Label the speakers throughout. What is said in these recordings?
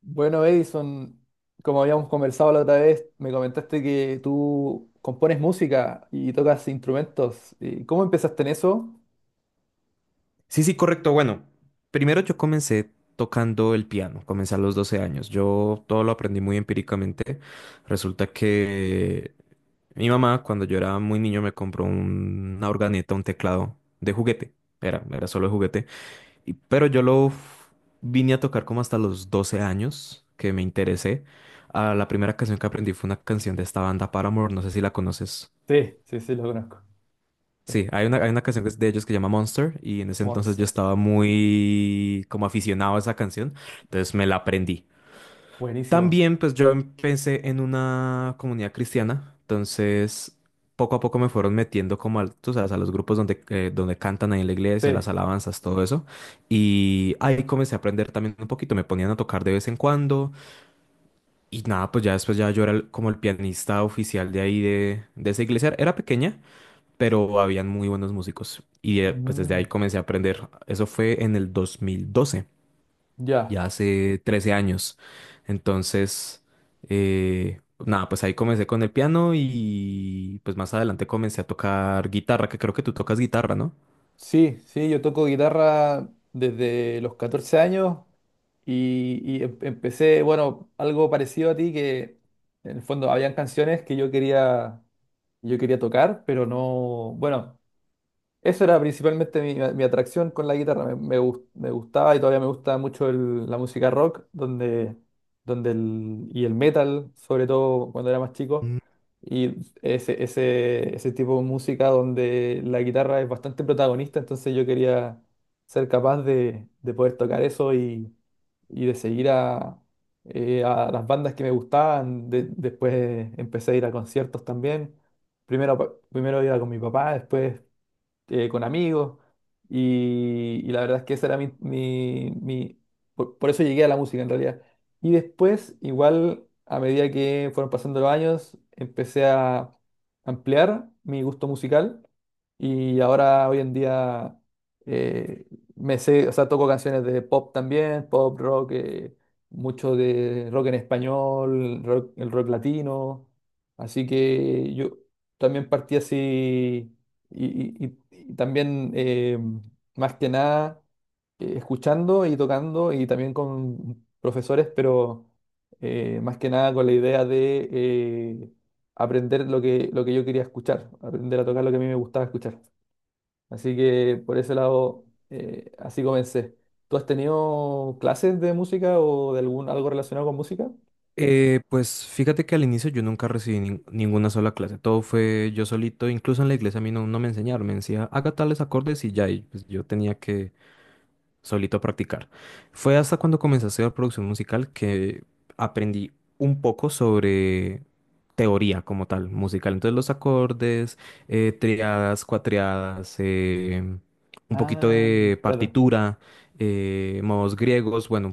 Speaker 1: Bueno, Edison, como habíamos conversado la otra vez, me comentaste que tú compones música y tocas instrumentos. ¿Y cómo empezaste en eso?
Speaker 2: Sí, sí, correcto. Bueno, primero yo comencé tocando el piano, comencé a los 12 años. Yo todo lo aprendí muy empíricamente. Resulta que mi mamá, cuando yo era muy niño, me compró una organeta, un teclado de juguete. Era solo de juguete. Y- pero yo lo f- Vine a tocar como hasta los 12 años que me interesé. Ah, la primera canción que aprendí fue una canción de esta banda, Paramore. No sé si la conoces.
Speaker 1: Sí, sí, sí, lo conozco. Sí,
Speaker 2: Sí, hay una canción que es de ellos que se llama Monster y en ese entonces yo
Speaker 1: Monster.
Speaker 2: estaba muy como aficionado a esa canción, entonces me la aprendí.
Speaker 1: Buenísimo.
Speaker 2: También pues yo empecé en una comunidad cristiana, entonces poco a poco me fueron metiendo tú sabes, a los grupos donde, donde cantan ahí en la iglesia,
Speaker 1: Sí.
Speaker 2: las alabanzas, todo eso. Y ahí comencé a aprender también un poquito, me ponían a tocar de vez en cuando y nada, pues ya después ya yo era como el pianista oficial de ahí de esa iglesia, era pequeña pero habían muy buenos músicos. Y pues desde ahí
Speaker 1: Mm,
Speaker 2: comencé a aprender. Eso fue en el 2012,
Speaker 1: ya.
Speaker 2: ya hace 13 años. Entonces, nada, pues ahí comencé con el piano y pues más adelante comencé a tocar guitarra, que creo que tú tocas guitarra, ¿no?
Speaker 1: Sí, sí, yo toco guitarra desde los 14 años y, empecé, bueno, algo parecido a ti, que en el fondo habían canciones que yo quería tocar, pero no, bueno. Eso era principalmente mi atracción con la guitarra. Me gustaba y todavía me gusta mucho la música rock donde, el metal, sobre todo cuando era más chico.
Speaker 2: Mm.
Speaker 1: Y ese tipo de música donde la guitarra es bastante protagonista, entonces yo quería ser capaz de poder tocar eso y de seguir a las bandas que me gustaban. Después empecé a ir a conciertos también. Primero, primero iba con mi papá, después con amigos. Y la verdad es que esa era por eso llegué a la música en realidad. Y después, igual, a medida que fueron pasando los años, empecé a ampliar mi gusto musical y ahora hoy en día eh, o sea, toco canciones de pop también, pop, rock, mucho de rock en español, el rock latino. Así que yo también partí así y, y también, más que nada, escuchando y tocando y también con profesores, pero más que nada con la idea de aprender lo que yo quería escuchar, aprender a tocar lo que a mí me gustaba escuchar. Así que por ese lado, así comencé. ¿Tú has tenido clases de música o de algún algo relacionado con música?
Speaker 2: Pues fíjate que al inicio yo nunca recibí ninguna sola clase, todo fue yo solito, incluso en la iglesia a mí no me enseñaron, me decía haga tales acordes y ya, y pues yo tenía que solito a practicar. Fue hasta cuando comencé a hacer producción musical que aprendí un poco sobre teoría como tal, musical. Entonces los acordes, triadas, cuatriadas, un poquito
Speaker 1: Ah,
Speaker 2: de
Speaker 1: claro.
Speaker 2: partitura, modos griegos, bueno.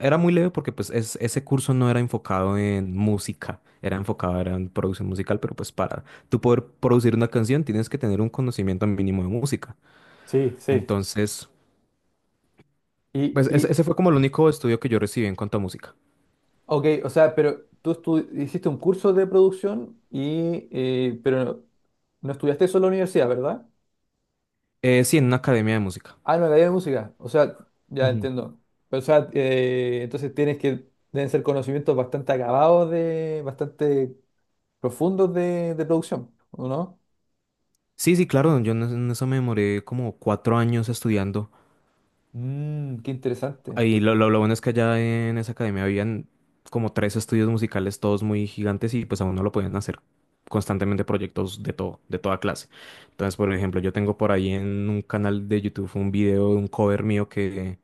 Speaker 2: Era muy leve porque pues ese curso no era enfocado en música, era enfocado era en producción musical, pero pues para tú poder producir una canción tienes que tener un conocimiento mínimo de música.
Speaker 1: Sí, sí.
Speaker 2: Entonces,
Speaker 1: ¿Y,
Speaker 2: pues
Speaker 1: y,
Speaker 2: ese fue como el único estudio que yo recibí en cuanto a música.
Speaker 1: Ok, o sea, pero tú hiciste un curso de producción y pero no estudiaste solo en la universidad, ¿verdad?
Speaker 2: Sí, en una academia de música.
Speaker 1: Ah, no, en la de música. O sea, ya
Speaker 2: Ujú.
Speaker 1: entiendo. Pero, o sea, entonces tienes que deben ser conocimientos bastante acabados de, bastante profundos de producción, ¿o no?
Speaker 2: Sí, sí, claro, yo en eso me demoré como cuatro años estudiando.
Speaker 1: Mm, qué interesante.
Speaker 2: Ahí lo bueno es que allá en esa academia habían como tres estudios musicales, todos muy gigantes, y pues a uno lo podían hacer constantemente proyectos de todo, de toda clase. Entonces, por ejemplo, yo tengo por ahí en un canal de YouTube un video de un cover mío que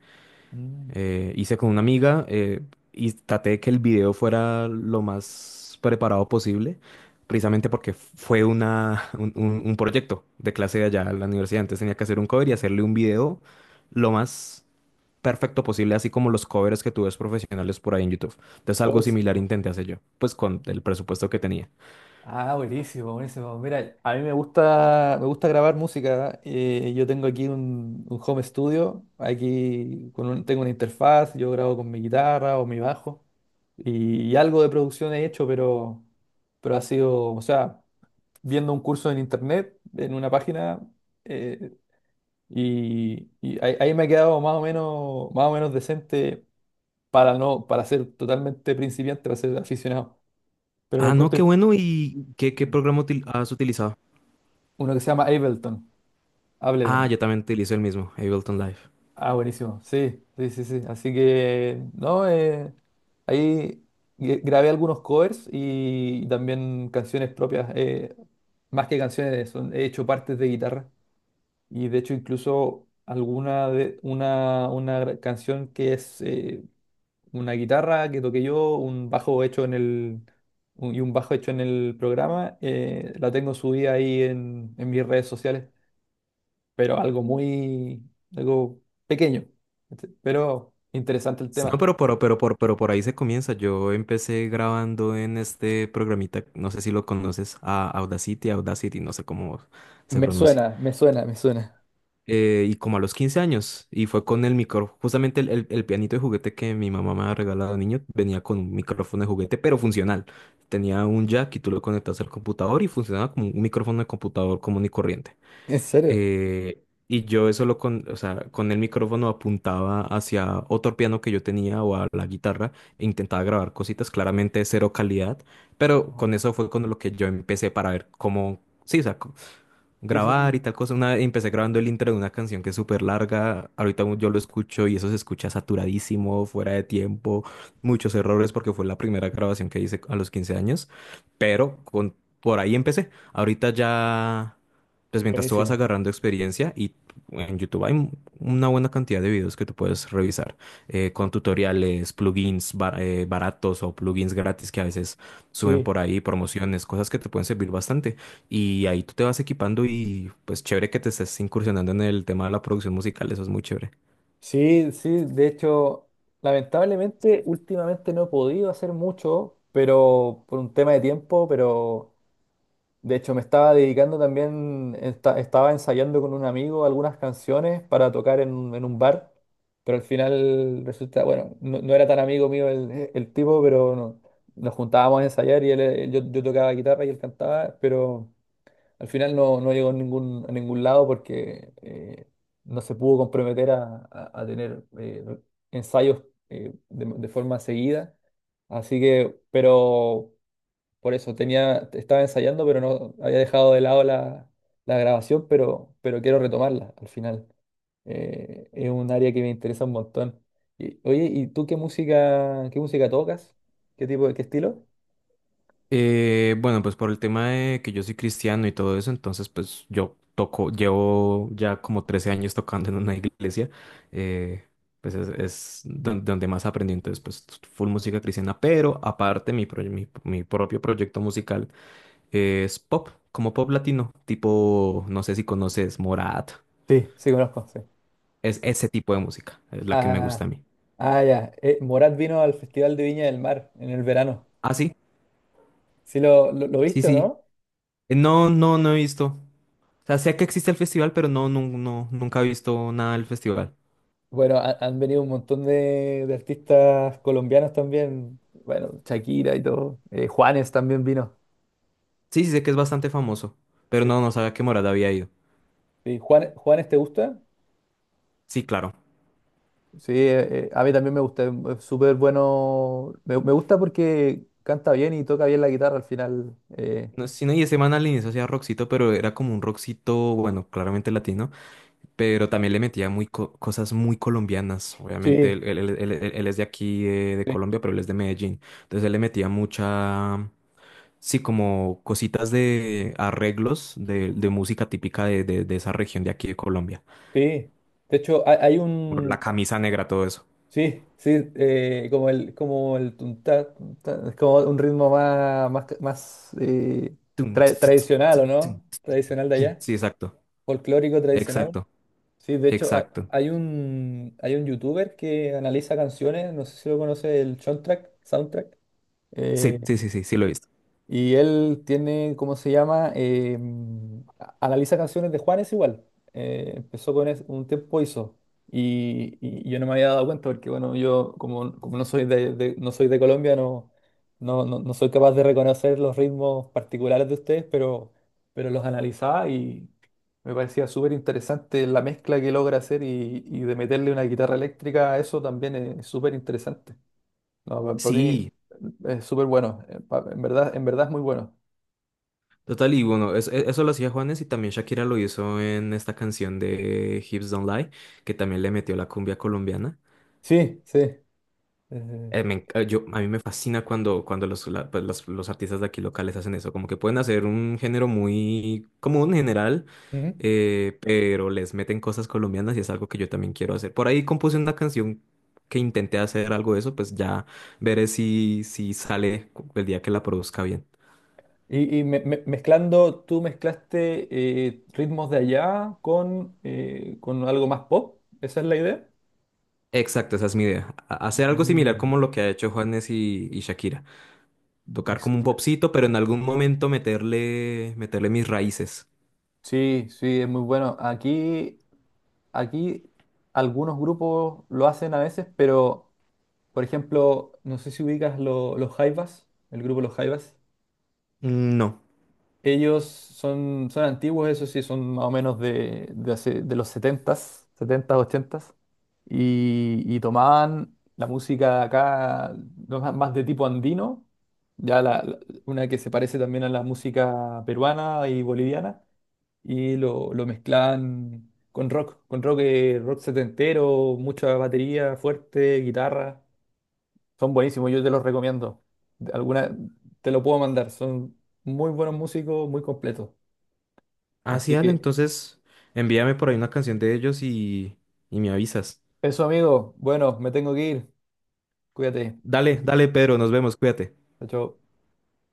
Speaker 1: Mm.
Speaker 2: hice con una amiga y traté de que el video fuera lo más preparado posible, precisamente porque fue un proyecto de clase de allá en la universidad. Entonces tenía que hacer un cover y hacerle un video lo más perfecto posible, así como los covers que tú ves profesionales por ahí en YouTube. Entonces algo similar intenté hacer yo, pues con el presupuesto que tenía.
Speaker 1: Ah, buenísimo, buenísimo. Mira, a mí me gusta grabar música. Yo tengo aquí un home studio, aquí con tengo una interfaz, yo grabo con mi guitarra o mi bajo y algo de producción he hecho, pero ha sido, o sea, viendo un curso en internet, en una página, eh, y ahí, ahí me ha quedado más o menos decente para no, para ser totalmente principiante, para ser aficionado. Pero lo
Speaker 2: Ah, no,
Speaker 1: encuentro
Speaker 2: qué bueno. ¿Y qué, qué
Speaker 1: Mm,
Speaker 2: programa has utilizado?
Speaker 1: uno que se llama Ableton.
Speaker 2: Ah,
Speaker 1: Ableton.
Speaker 2: yo también utilizo el mismo, Ableton Live.
Speaker 1: Ah, buenísimo. Sí, sí, sí, sí. Así que, no, ahí grabé algunos covers y también canciones propias. Más que canciones, son, he hecho partes de guitarra. Y de hecho, incluso alguna de, una, canción que es una guitarra que toqué yo, un bajo hecho en el, y un bajo hecho en el programa, la tengo subida ahí en mis redes sociales. Pero algo muy, algo pequeño, este, pero interesante el
Speaker 2: No,
Speaker 1: tema.
Speaker 2: pero por ahí se comienza. Yo empecé grabando en este programita, no sé si lo conoces, a Audacity, no sé cómo se
Speaker 1: Me
Speaker 2: pronuncia.
Speaker 1: suena, me suena, me suena.
Speaker 2: Y como a los 15 años, y fue con el micrófono, justamente el pianito de juguete que mi mamá me ha regalado de niño, venía con un micrófono de juguete, pero funcional. Tenía un jack y tú lo conectas al computador y funcionaba como un micrófono de computador común y corriente.
Speaker 1: ¿En serio?
Speaker 2: Eh, y yo eso o sea, con el micrófono apuntaba hacia otro piano que yo tenía o a la guitarra e intentaba grabar cositas, claramente de cero calidad, pero con
Speaker 1: Ajá.
Speaker 2: eso fue con lo que yo empecé para ver cómo, sí, o sea,
Speaker 1: Sí, sí,
Speaker 2: grabar
Speaker 1: sí.
Speaker 2: y tal cosa. Una vez empecé grabando el intro de una canción que es súper larga. Ahorita yo lo escucho y eso se escucha saturadísimo, fuera de tiempo, muchos errores porque fue la primera grabación que hice a los 15 años. Pero con, por ahí empecé. Ahorita ya, pues mientras tú vas
Speaker 1: Buenísimo.
Speaker 2: agarrando experiencia y en YouTube una buena cantidad de videos que tú puedes revisar con tutoriales, baratos o plugins gratis que a veces suben
Speaker 1: Sí,
Speaker 2: por ahí, promociones, cosas que te pueden servir bastante. Y ahí tú te vas equipando y pues chévere que te estés incursionando en el tema de la producción musical, eso es muy chévere.
Speaker 1: sí, sí. De hecho, lamentablemente, últimamente no he podido hacer mucho, pero por un tema de tiempo, pero de hecho, me estaba dedicando también, estaba ensayando con un amigo algunas canciones para tocar en un bar, pero al final resulta, bueno, no, no era tan amigo mío el tipo, pero nos juntábamos a ensayar y él, yo, yo tocaba guitarra y él cantaba, pero al final no, no llegó a ningún lado porque no se pudo comprometer a, a tener ensayos de forma seguida. Así que, pero por eso tenía, estaba ensayando, pero no había dejado de lado la, la grabación, pero quiero retomarla al final. Es un área que me interesa un montón. Y, oye, ¿y tú qué música tocas? ¿Qué tipo de, qué estilo?
Speaker 2: Bueno, pues por el tema de que yo soy cristiano y todo eso, entonces pues yo toco, llevo ya como 13 años tocando en una iglesia, eh, pues es donde más aprendí, entonces pues full música cristiana, pero aparte mi propio proyecto musical es pop, como pop latino, tipo, no sé si conoces Morat,
Speaker 1: Sí, sí conozco, sí.
Speaker 2: es ese tipo de música, es la que me gusta
Speaker 1: Ah,
Speaker 2: a mí.
Speaker 1: ah, ya. Morat vino al Festival de Viña del Mar en el verano.
Speaker 2: ¿Así?
Speaker 1: ¿Sí lo
Speaker 2: Sí,
Speaker 1: viste o
Speaker 2: sí.
Speaker 1: no?
Speaker 2: No, no, no he visto. O sea, sé que existe el festival, pero no, no, no, nunca he visto nada del festival.
Speaker 1: Bueno, han venido un montón de artistas colombianos también. Bueno, Shakira y todo. Juanes también vino.
Speaker 2: Sí, sí, sé que es bastante famoso, pero no, no sabía que Morada había ido.
Speaker 1: Sí, Juan, ¿Juanes te gusta?
Speaker 2: Sí, claro.
Speaker 1: Sí, a mí también me gusta, es súper bueno. Me gusta porque canta bien y toca bien la guitarra al final. Eh,
Speaker 2: No, sí, no, y ese man al inicio hacía rockcito, pero era como un rockcito, bueno, claramente latino, pero también le metía cosas muy colombianas. Obviamente,
Speaker 1: sí,
Speaker 2: él es de aquí, de
Speaker 1: sí,
Speaker 2: Colombia, pero él es de Medellín. Entonces, él le metía mucha... Sí, como cositas de arreglos de música típica de esa región de aquí de Colombia.
Speaker 1: sí. De hecho, hay
Speaker 2: La
Speaker 1: un.
Speaker 2: camisa negra, todo eso.
Speaker 1: Sí, sí, como el tuntá, tuntá, es como un ritmo más, más, más
Speaker 2: Tum, tss, tss, tss,
Speaker 1: tradicional,
Speaker 2: tum,
Speaker 1: ¿o
Speaker 2: tum,
Speaker 1: no? Tradicional de
Speaker 2: tum.
Speaker 1: allá,
Speaker 2: Sí, exacto,
Speaker 1: folclórico tradicional.
Speaker 2: exacto,
Speaker 1: Sí, de hecho,
Speaker 2: exacto.
Speaker 1: hay un youtuber que analiza canciones, no sé si lo conoce, el soundtrack, soundtrack. Eh,
Speaker 2: Sí, sí, sí, sí, sí lo he visto.
Speaker 1: y él tiene, ¿cómo se llama? Analiza canciones de Juanes igual. Empezó con un tiempo hizo. Y yo no me había dado cuenta porque, bueno, yo como, como no soy de, no soy de Colombia, no, no, no, no soy capaz de reconocer los ritmos particulares de ustedes, pero los analizaba y me parecía súper interesante la mezcla que logra hacer y de meterle una guitarra eléctrica a eso también es súper interesante. No, para mí
Speaker 2: Sí,
Speaker 1: es súper bueno. En verdad es muy bueno.
Speaker 2: total, y bueno, eso, eso lo hacía Juanes y también Shakira lo hizo en esta canción de Hips Don't Lie, que también le metió la cumbia colombiana.
Speaker 1: Sí, sí. Eh,
Speaker 2: Yo, a mí me fascina cuando, cuando pues, los artistas de aquí locales hacen eso, como que pueden hacer un género muy común en general,
Speaker 1: ujú.
Speaker 2: pero les meten cosas colombianas y es algo que yo también quiero hacer. Por ahí compuse una canción que intenté hacer algo de eso, pues ya veré si, si el día que la produzca bien.
Speaker 1: Y y mezclando, tú mezclaste ritmos de allá con algo más pop. ¿Esa es la idea?
Speaker 2: Exacto, esa es mi idea. Hacer algo similar
Speaker 1: Mm.
Speaker 2: como lo que ha hecho Juanes y Shakira. Tocar
Speaker 1: Ex-
Speaker 2: como un popcito, pero en algún momento meterle mis raíces.
Speaker 1: Sí, sí, es muy bueno. Aquí, aquí algunos grupos lo hacen a veces, pero por ejemplo, no sé si ubicas los Jaivas, el grupo Los Jaivas.
Speaker 2: Mm. No.
Speaker 1: Ellos son, son antiguos, eso sí, son más o menos de, de los setentas setentas ochentas y tomaban la música acá no, más más de tipo andino, ya la, una que se parece también a la música peruana y boliviana, y lo mezclaban con rock, rock setentero, mucha batería fuerte, guitarra, son buenísimos, yo te los recomiendo. Alguna, te lo puedo mandar, son muy buenos músicos, muy completos.
Speaker 2: Ah, sí,
Speaker 1: Así
Speaker 2: dale,
Speaker 1: que
Speaker 2: entonces envíame por ahí una canción de ellos y me avisas.
Speaker 1: eso, amigo. Bueno, me tengo que ir. Cuídate.
Speaker 2: Dale, dale, Pedro, nos vemos, cuídate.
Speaker 1: Chao, chao.